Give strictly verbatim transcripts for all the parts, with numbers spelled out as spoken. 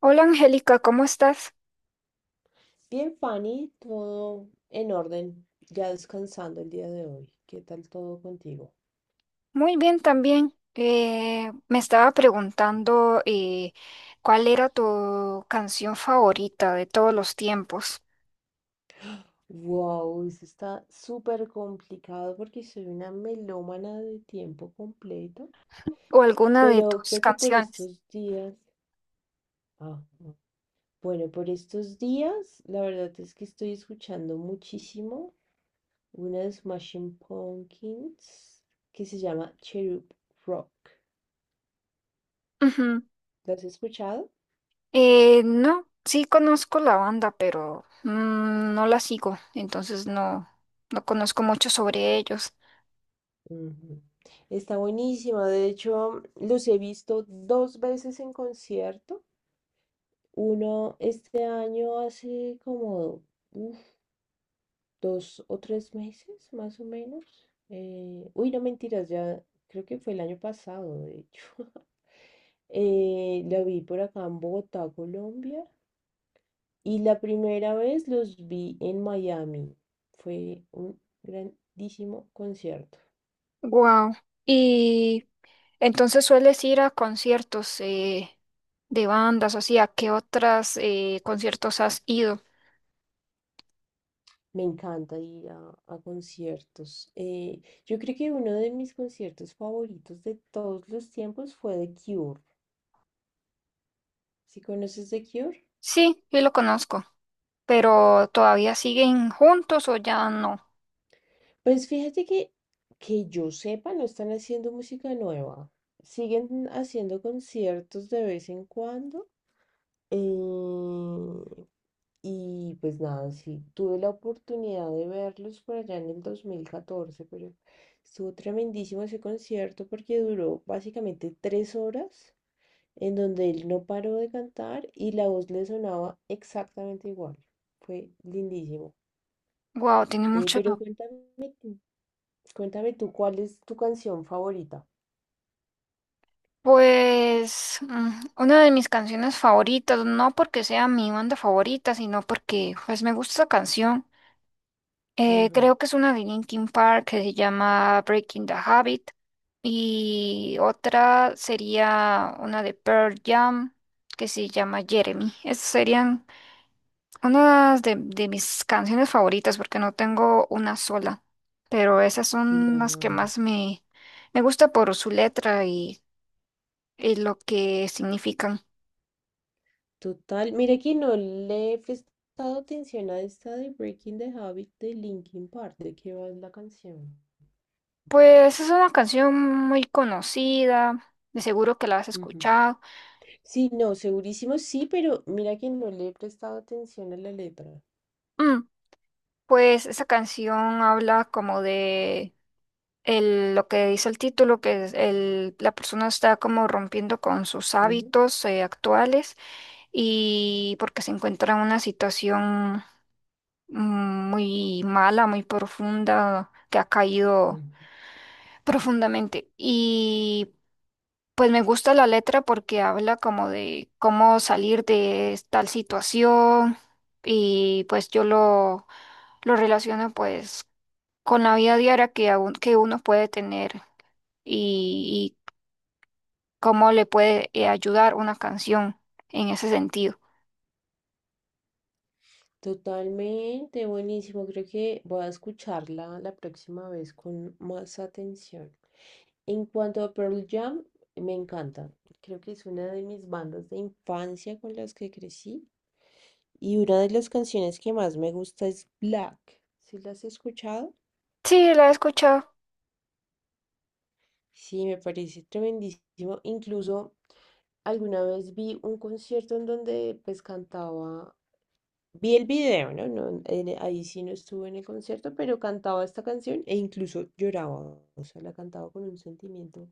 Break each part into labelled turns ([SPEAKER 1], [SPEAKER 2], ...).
[SPEAKER 1] Hola Angélica, ¿cómo estás?
[SPEAKER 2] Bien, Fanny, todo en orden, ya descansando el día de hoy. ¿Qué tal todo contigo?
[SPEAKER 1] Muy bien también. Eh, me estaba preguntando, eh, cuál era tu canción favorita de todos los tiempos
[SPEAKER 2] Wow, eso está súper complicado porque soy una melómana de tiempo completo,
[SPEAKER 1] o alguna de
[SPEAKER 2] pero
[SPEAKER 1] tus
[SPEAKER 2] creo que por
[SPEAKER 1] canciones.
[SPEAKER 2] estos días, ah, bueno, por estos días, la verdad es que estoy escuchando muchísimo una de Smashing Pumpkins que se llama Cherub Rock.
[SPEAKER 1] Ujú.
[SPEAKER 2] ¿Lo has escuchado?
[SPEAKER 1] Eh, no, sí conozco la banda, pero mm, no la sigo, entonces no, no conozco mucho sobre ellos.
[SPEAKER 2] Ujú. Está buenísima. De hecho, los he visto dos veces en concierto. Uno este año hace como uf, dos o tres meses, más o menos. Eh, uy, no mentiras, ya creo que fue el año pasado, de hecho. Eh, la vi por acá en Bogotá, Colombia. Y la primera vez los vi en Miami. Fue un grandísimo concierto.
[SPEAKER 1] Wow. Y entonces sueles ir a conciertos, eh, de bandas, o sea, ¿qué otras, eh, conciertos has ido?
[SPEAKER 2] Me encanta ir a, a conciertos. Eh, yo creo que uno de mis conciertos favoritos de todos los tiempos fue The Cure. ¿Sí conoces The Cure?
[SPEAKER 1] Sí, sí lo conozco, pero ¿todavía siguen juntos o ya no?
[SPEAKER 2] Pues fíjate que, que yo sepa, no están haciendo música nueva. Siguen haciendo conciertos de vez en cuando. eh, y pues nada, sí, tuve la oportunidad de verlos por allá en el dos mil catorce, pero estuvo tremendísimo ese concierto porque duró básicamente tres horas en donde él no paró de cantar y la voz le sonaba exactamente igual. Fue lindísimo.
[SPEAKER 1] Wow, tiene
[SPEAKER 2] Eh,
[SPEAKER 1] mucho.
[SPEAKER 2] pero cuéntame, tú- cuéntame tú, ¿cuál es tu canción favorita?
[SPEAKER 1] Pues mm, una de mis canciones favoritas, no porque sea mi banda favorita, sino porque pues me gusta esa canción. Eh,
[SPEAKER 2] Ujú.
[SPEAKER 1] creo que es una de Linkin Park que se llama Breaking the Habit, y otra sería una de Pearl Jam que se llama Jeremy. Esas serían una de, de mis canciones favoritas, porque no tengo una sola, pero esas son las que
[SPEAKER 2] Claro,
[SPEAKER 1] más me, me gusta por su letra y, y lo que significan.
[SPEAKER 2] total. Mira que no le he prestado atención a esta de Breaking the Habit de Linkin Park. ¿De qué va la canción?
[SPEAKER 1] Pues es una canción muy conocida, de seguro que la has
[SPEAKER 2] Ujú.
[SPEAKER 1] escuchado.
[SPEAKER 2] Sí, no, segurísimo sí, pero mira que no le he prestado atención a la letra.
[SPEAKER 1] Mm, pues esa canción habla como de el- lo que dice el título, que es el- la persona está como rompiendo con sus
[SPEAKER 2] Ujú,
[SPEAKER 1] hábitos, eh, actuales, y porque se encuentra en una situación, mm, muy mala, muy profunda, que ha caído
[SPEAKER 2] ujú.
[SPEAKER 1] profundamente. Y pues me gusta la letra porque habla como de cómo salir de tal situación, y pues yo lo, lo relaciono, pues, con la vida diaria que, a un- que uno puede tener, y, y cómo le puede, eh, ayudar una canción en ese sentido.
[SPEAKER 2] Totalmente, buenísimo. Creo que voy a escucharla la próxima vez con más atención. En cuanto a Pearl Jam, me encanta. Creo que es una de mis bandas de infancia con las que crecí. Y una de las canciones que más me gusta es Black. ¿Sí las has escuchado?
[SPEAKER 1] Sí, la he escuchado.
[SPEAKER 2] Sí, me parece tremendísimo. Incluso alguna vez vi un concierto en donde pues cantaba. Vi el video, ¿no? No, en- eh, ahí sí no estuve en el concierto, pero cantaba esta canción e incluso lloraba. O sea, la cantaba con un sentimiento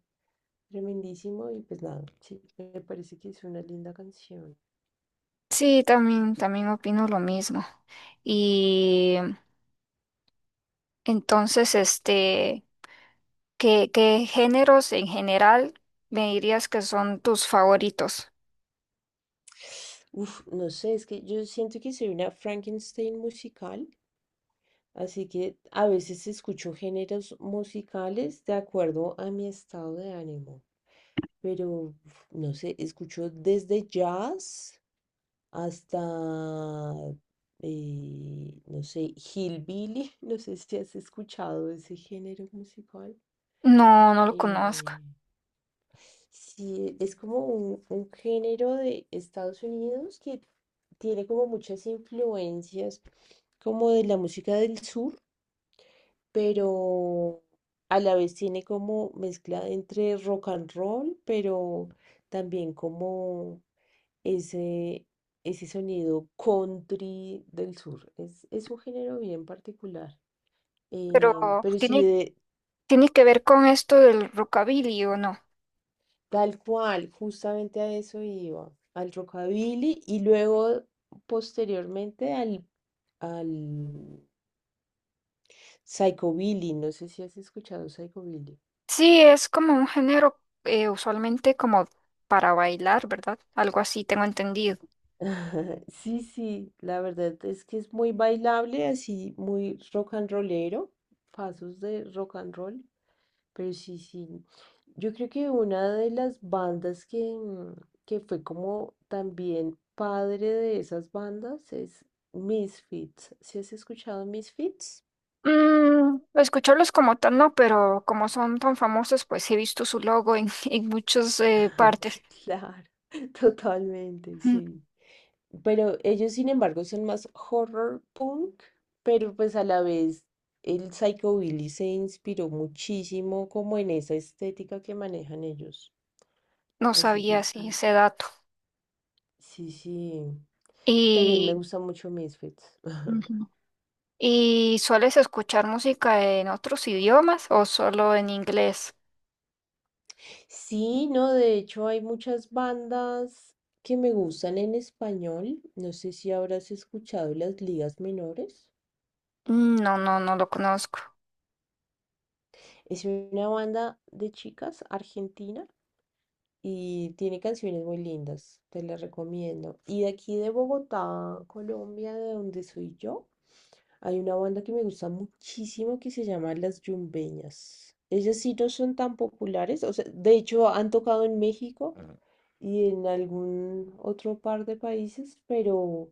[SPEAKER 2] tremendísimo y pues nada, sí, me parece que es una linda canción.
[SPEAKER 1] Sí, también, también opino lo mismo. Y entonces, este, ¿qué, qué géneros en general me dirías que son tus favoritos?
[SPEAKER 2] Uf, no sé, es que yo siento que soy una Frankenstein musical, así que a veces escucho géneros musicales de acuerdo a mi estado de ánimo. Pero, uf, no sé, escucho desde jazz hasta, eh, no sé, Hillbilly. No sé si has escuchado ese género musical.
[SPEAKER 1] No, no lo conozco,
[SPEAKER 2] eh, sí, es como un, un género de Estados Unidos que tiene como muchas influencias como de la música del sur, pero a la vez tiene como mezcla entre rock and roll, pero también como ese, ese sonido country del sur. Es, es un género bien particular.
[SPEAKER 1] pero
[SPEAKER 2] Eh, pero sí,
[SPEAKER 1] tiene,
[SPEAKER 2] de,
[SPEAKER 1] tiene que ver con esto del rockabilly, ¿o no?
[SPEAKER 2] tal cual, justamente a eso iba, al rockabilly y luego posteriormente al, al psychobilly. No sé si has escuchado psychobilly.
[SPEAKER 1] Sí, es como un género, eh, usualmente como para bailar, ¿verdad? Algo así tengo entendido.
[SPEAKER 2] Sí, sí, la verdad es que es muy bailable, así muy rock and rollero, pasos de rock and roll. Pero sí, sí. Yo creo que una de las bandas que, mm, que fue como también padre de esas bandas es Misfits. ¿Sí has escuchado Misfits?
[SPEAKER 1] Mm, escucharlos como tal no, pero como son tan famosos, pues he visto su logo en, en muchas, eh, partes.
[SPEAKER 2] Claro, totalmente,
[SPEAKER 1] Mm,
[SPEAKER 2] sí. Pero ellos, sin embargo, son más horror punk, pero pues a la vez el psychobilly se inspiró muchísimo como en esa estética que manejan ellos.
[SPEAKER 1] no
[SPEAKER 2] Así que
[SPEAKER 1] sabía
[SPEAKER 2] sí,
[SPEAKER 1] si ese dato.
[SPEAKER 2] sí, sí. También me
[SPEAKER 1] Y...
[SPEAKER 2] gusta mucho Misfits.
[SPEAKER 1] Ujú. ¿Y sueles escuchar música en otros idiomas o solo en inglés?
[SPEAKER 2] Sí, no, de hecho hay muchas bandas que me gustan en español. No sé si habrás escuchado Las Ligas Menores.
[SPEAKER 1] Mm, no, no, no lo conozco.
[SPEAKER 2] Es una banda de chicas argentina y tiene canciones muy lindas, te las recomiendo. Y de aquí de Bogotá, Colombia, de donde soy yo, hay una banda que me gusta muchísimo que se llama Las Yumbeñas. Ellas sí no son tan populares, o sea, de hecho han tocado en México y en algún otro par de países, pero,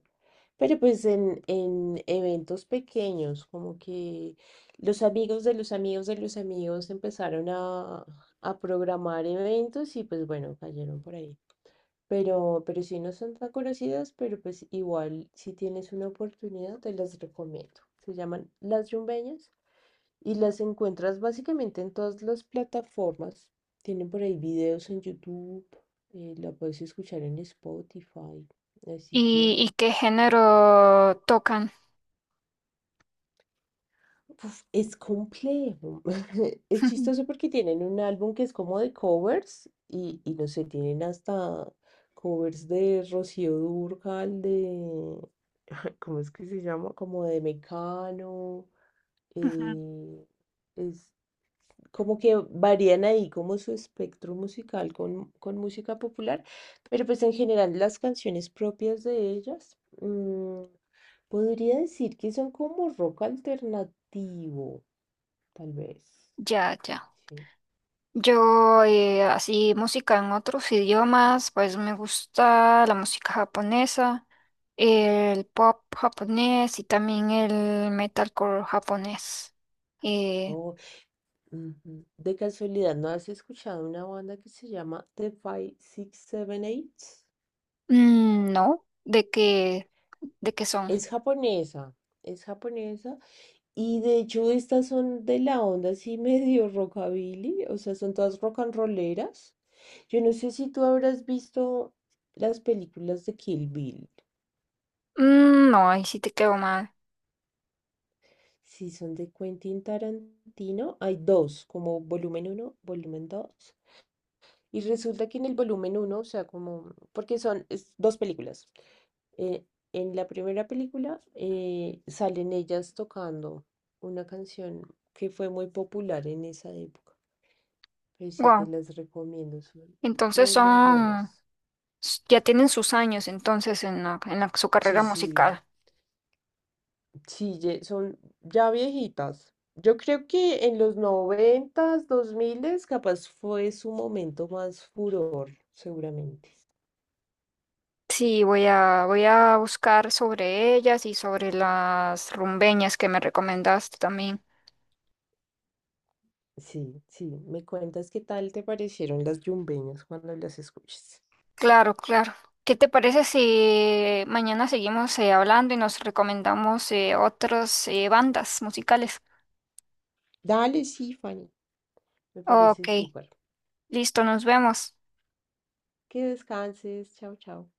[SPEAKER 2] pero pues en, en eventos pequeños, como que los amigos de los amigos de los amigos empezaron a, a programar eventos y pues bueno, cayeron por ahí. Pero, pero sí no son tan conocidas, pero pues igual si tienes una oportunidad te las recomiendo. Se llaman Las Yumbeñas y las encuentras básicamente en todas las plataformas. Tienen por ahí videos en YouTube, eh, la puedes escuchar en Spotify. Así
[SPEAKER 1] ¿Y,
[SPEAKER 2] que
[SPEAKER 1] y qué género tocan?
[SPEAKER 2] uf, es complejo. Es chistoso porque tienen un álbum que es como de covers y, y no sé, tienen hasta covers de Rocío Dúrcal, de... ¿Cómo es que se llama? Como de Mecano.
[SPEAKER 1] Ujú.
[SPEAKER 2] eh, es, Como que varían ahí como su espectro musical con, con música popular, pero pues en general las canciones propias de ellas, mm, podría decir que son como rock alternativo, tal vez.
[SPEAKER 1] Ya, ya.
[SPEAKER 2] Sí.
[SPEAKER 1] Yo, eh, así, música en otros idiomas, pues me gusta la música japonesa, el pop japonés y también el metalcore japonés. Eh,
[SPEAKER 2] O, ujú. De casualidad, ¿no has escuchado una banda que se llama The Five Six Seven Eight?
[SPEAKER 1] mm, no, ¿de qué, de qué son?
[SPEAKER 2] Es japonesa, es japonesa. Y de hecho estas son de la onda así medio rockabilly, o sea, son todas rock and rolleras. Yo no sé si tú habrás visto las películas de Kill Bill.
[SPEAKER 1] Mm, no, ahí sí te quedo mal.
[SPEAKER 2] Si son de Quentin Tarantino, hay dos, como volumen uno, volumen dos. Y resulta que en el volumen uno, o sea, como, porque son es dos películas. eh, en la primera película eh, salen ellas tocando una canción que fue muy popular en esa época. Pero sí te las recomiendo, son
[SPEAKER 1] Entonces
[SPEAKER 2] muy, muy
[SPEAKER 1] son,
[SPEAKER 2] buenas.
[SPEAKER 1] ya tienen sus años entonces en la- en la- su
[SPEAKER 2] Sí,
[SPEAKER 1] carrera
[SPEAKER 2] sí.
[SPEAKER 1] musical.
[SPEAKER 2] Sí, ye- son ya viejitas. Yo creo que en los noventas, dos miles, capaz fue su momento más furor, seguramente.
[SPEAKER 1] Sí, voy a, voy a buscar sobre ellas y sobre las rumbeñas que me recomendaste también.
[SPEAKER 2] Sí, sí. Me cuentas qué tal te parecieron las yumbeñas cuando las escuches.
[SPEAKER 1] Claro, claro. ¿Qué te parece si mañana seguimos, eh, hablando, y nos recomendamos, eh, otras, eh, bandas musicales?
[SPEAKER 2] Dale, sí, Fanny. Me
[SPEAKER 1] Ok,
[SPEAKER 2] parece súper.
[SPEAKER 1] listo, nos vemos.
[SPEAKER 2] Que descanses. Chao, chao.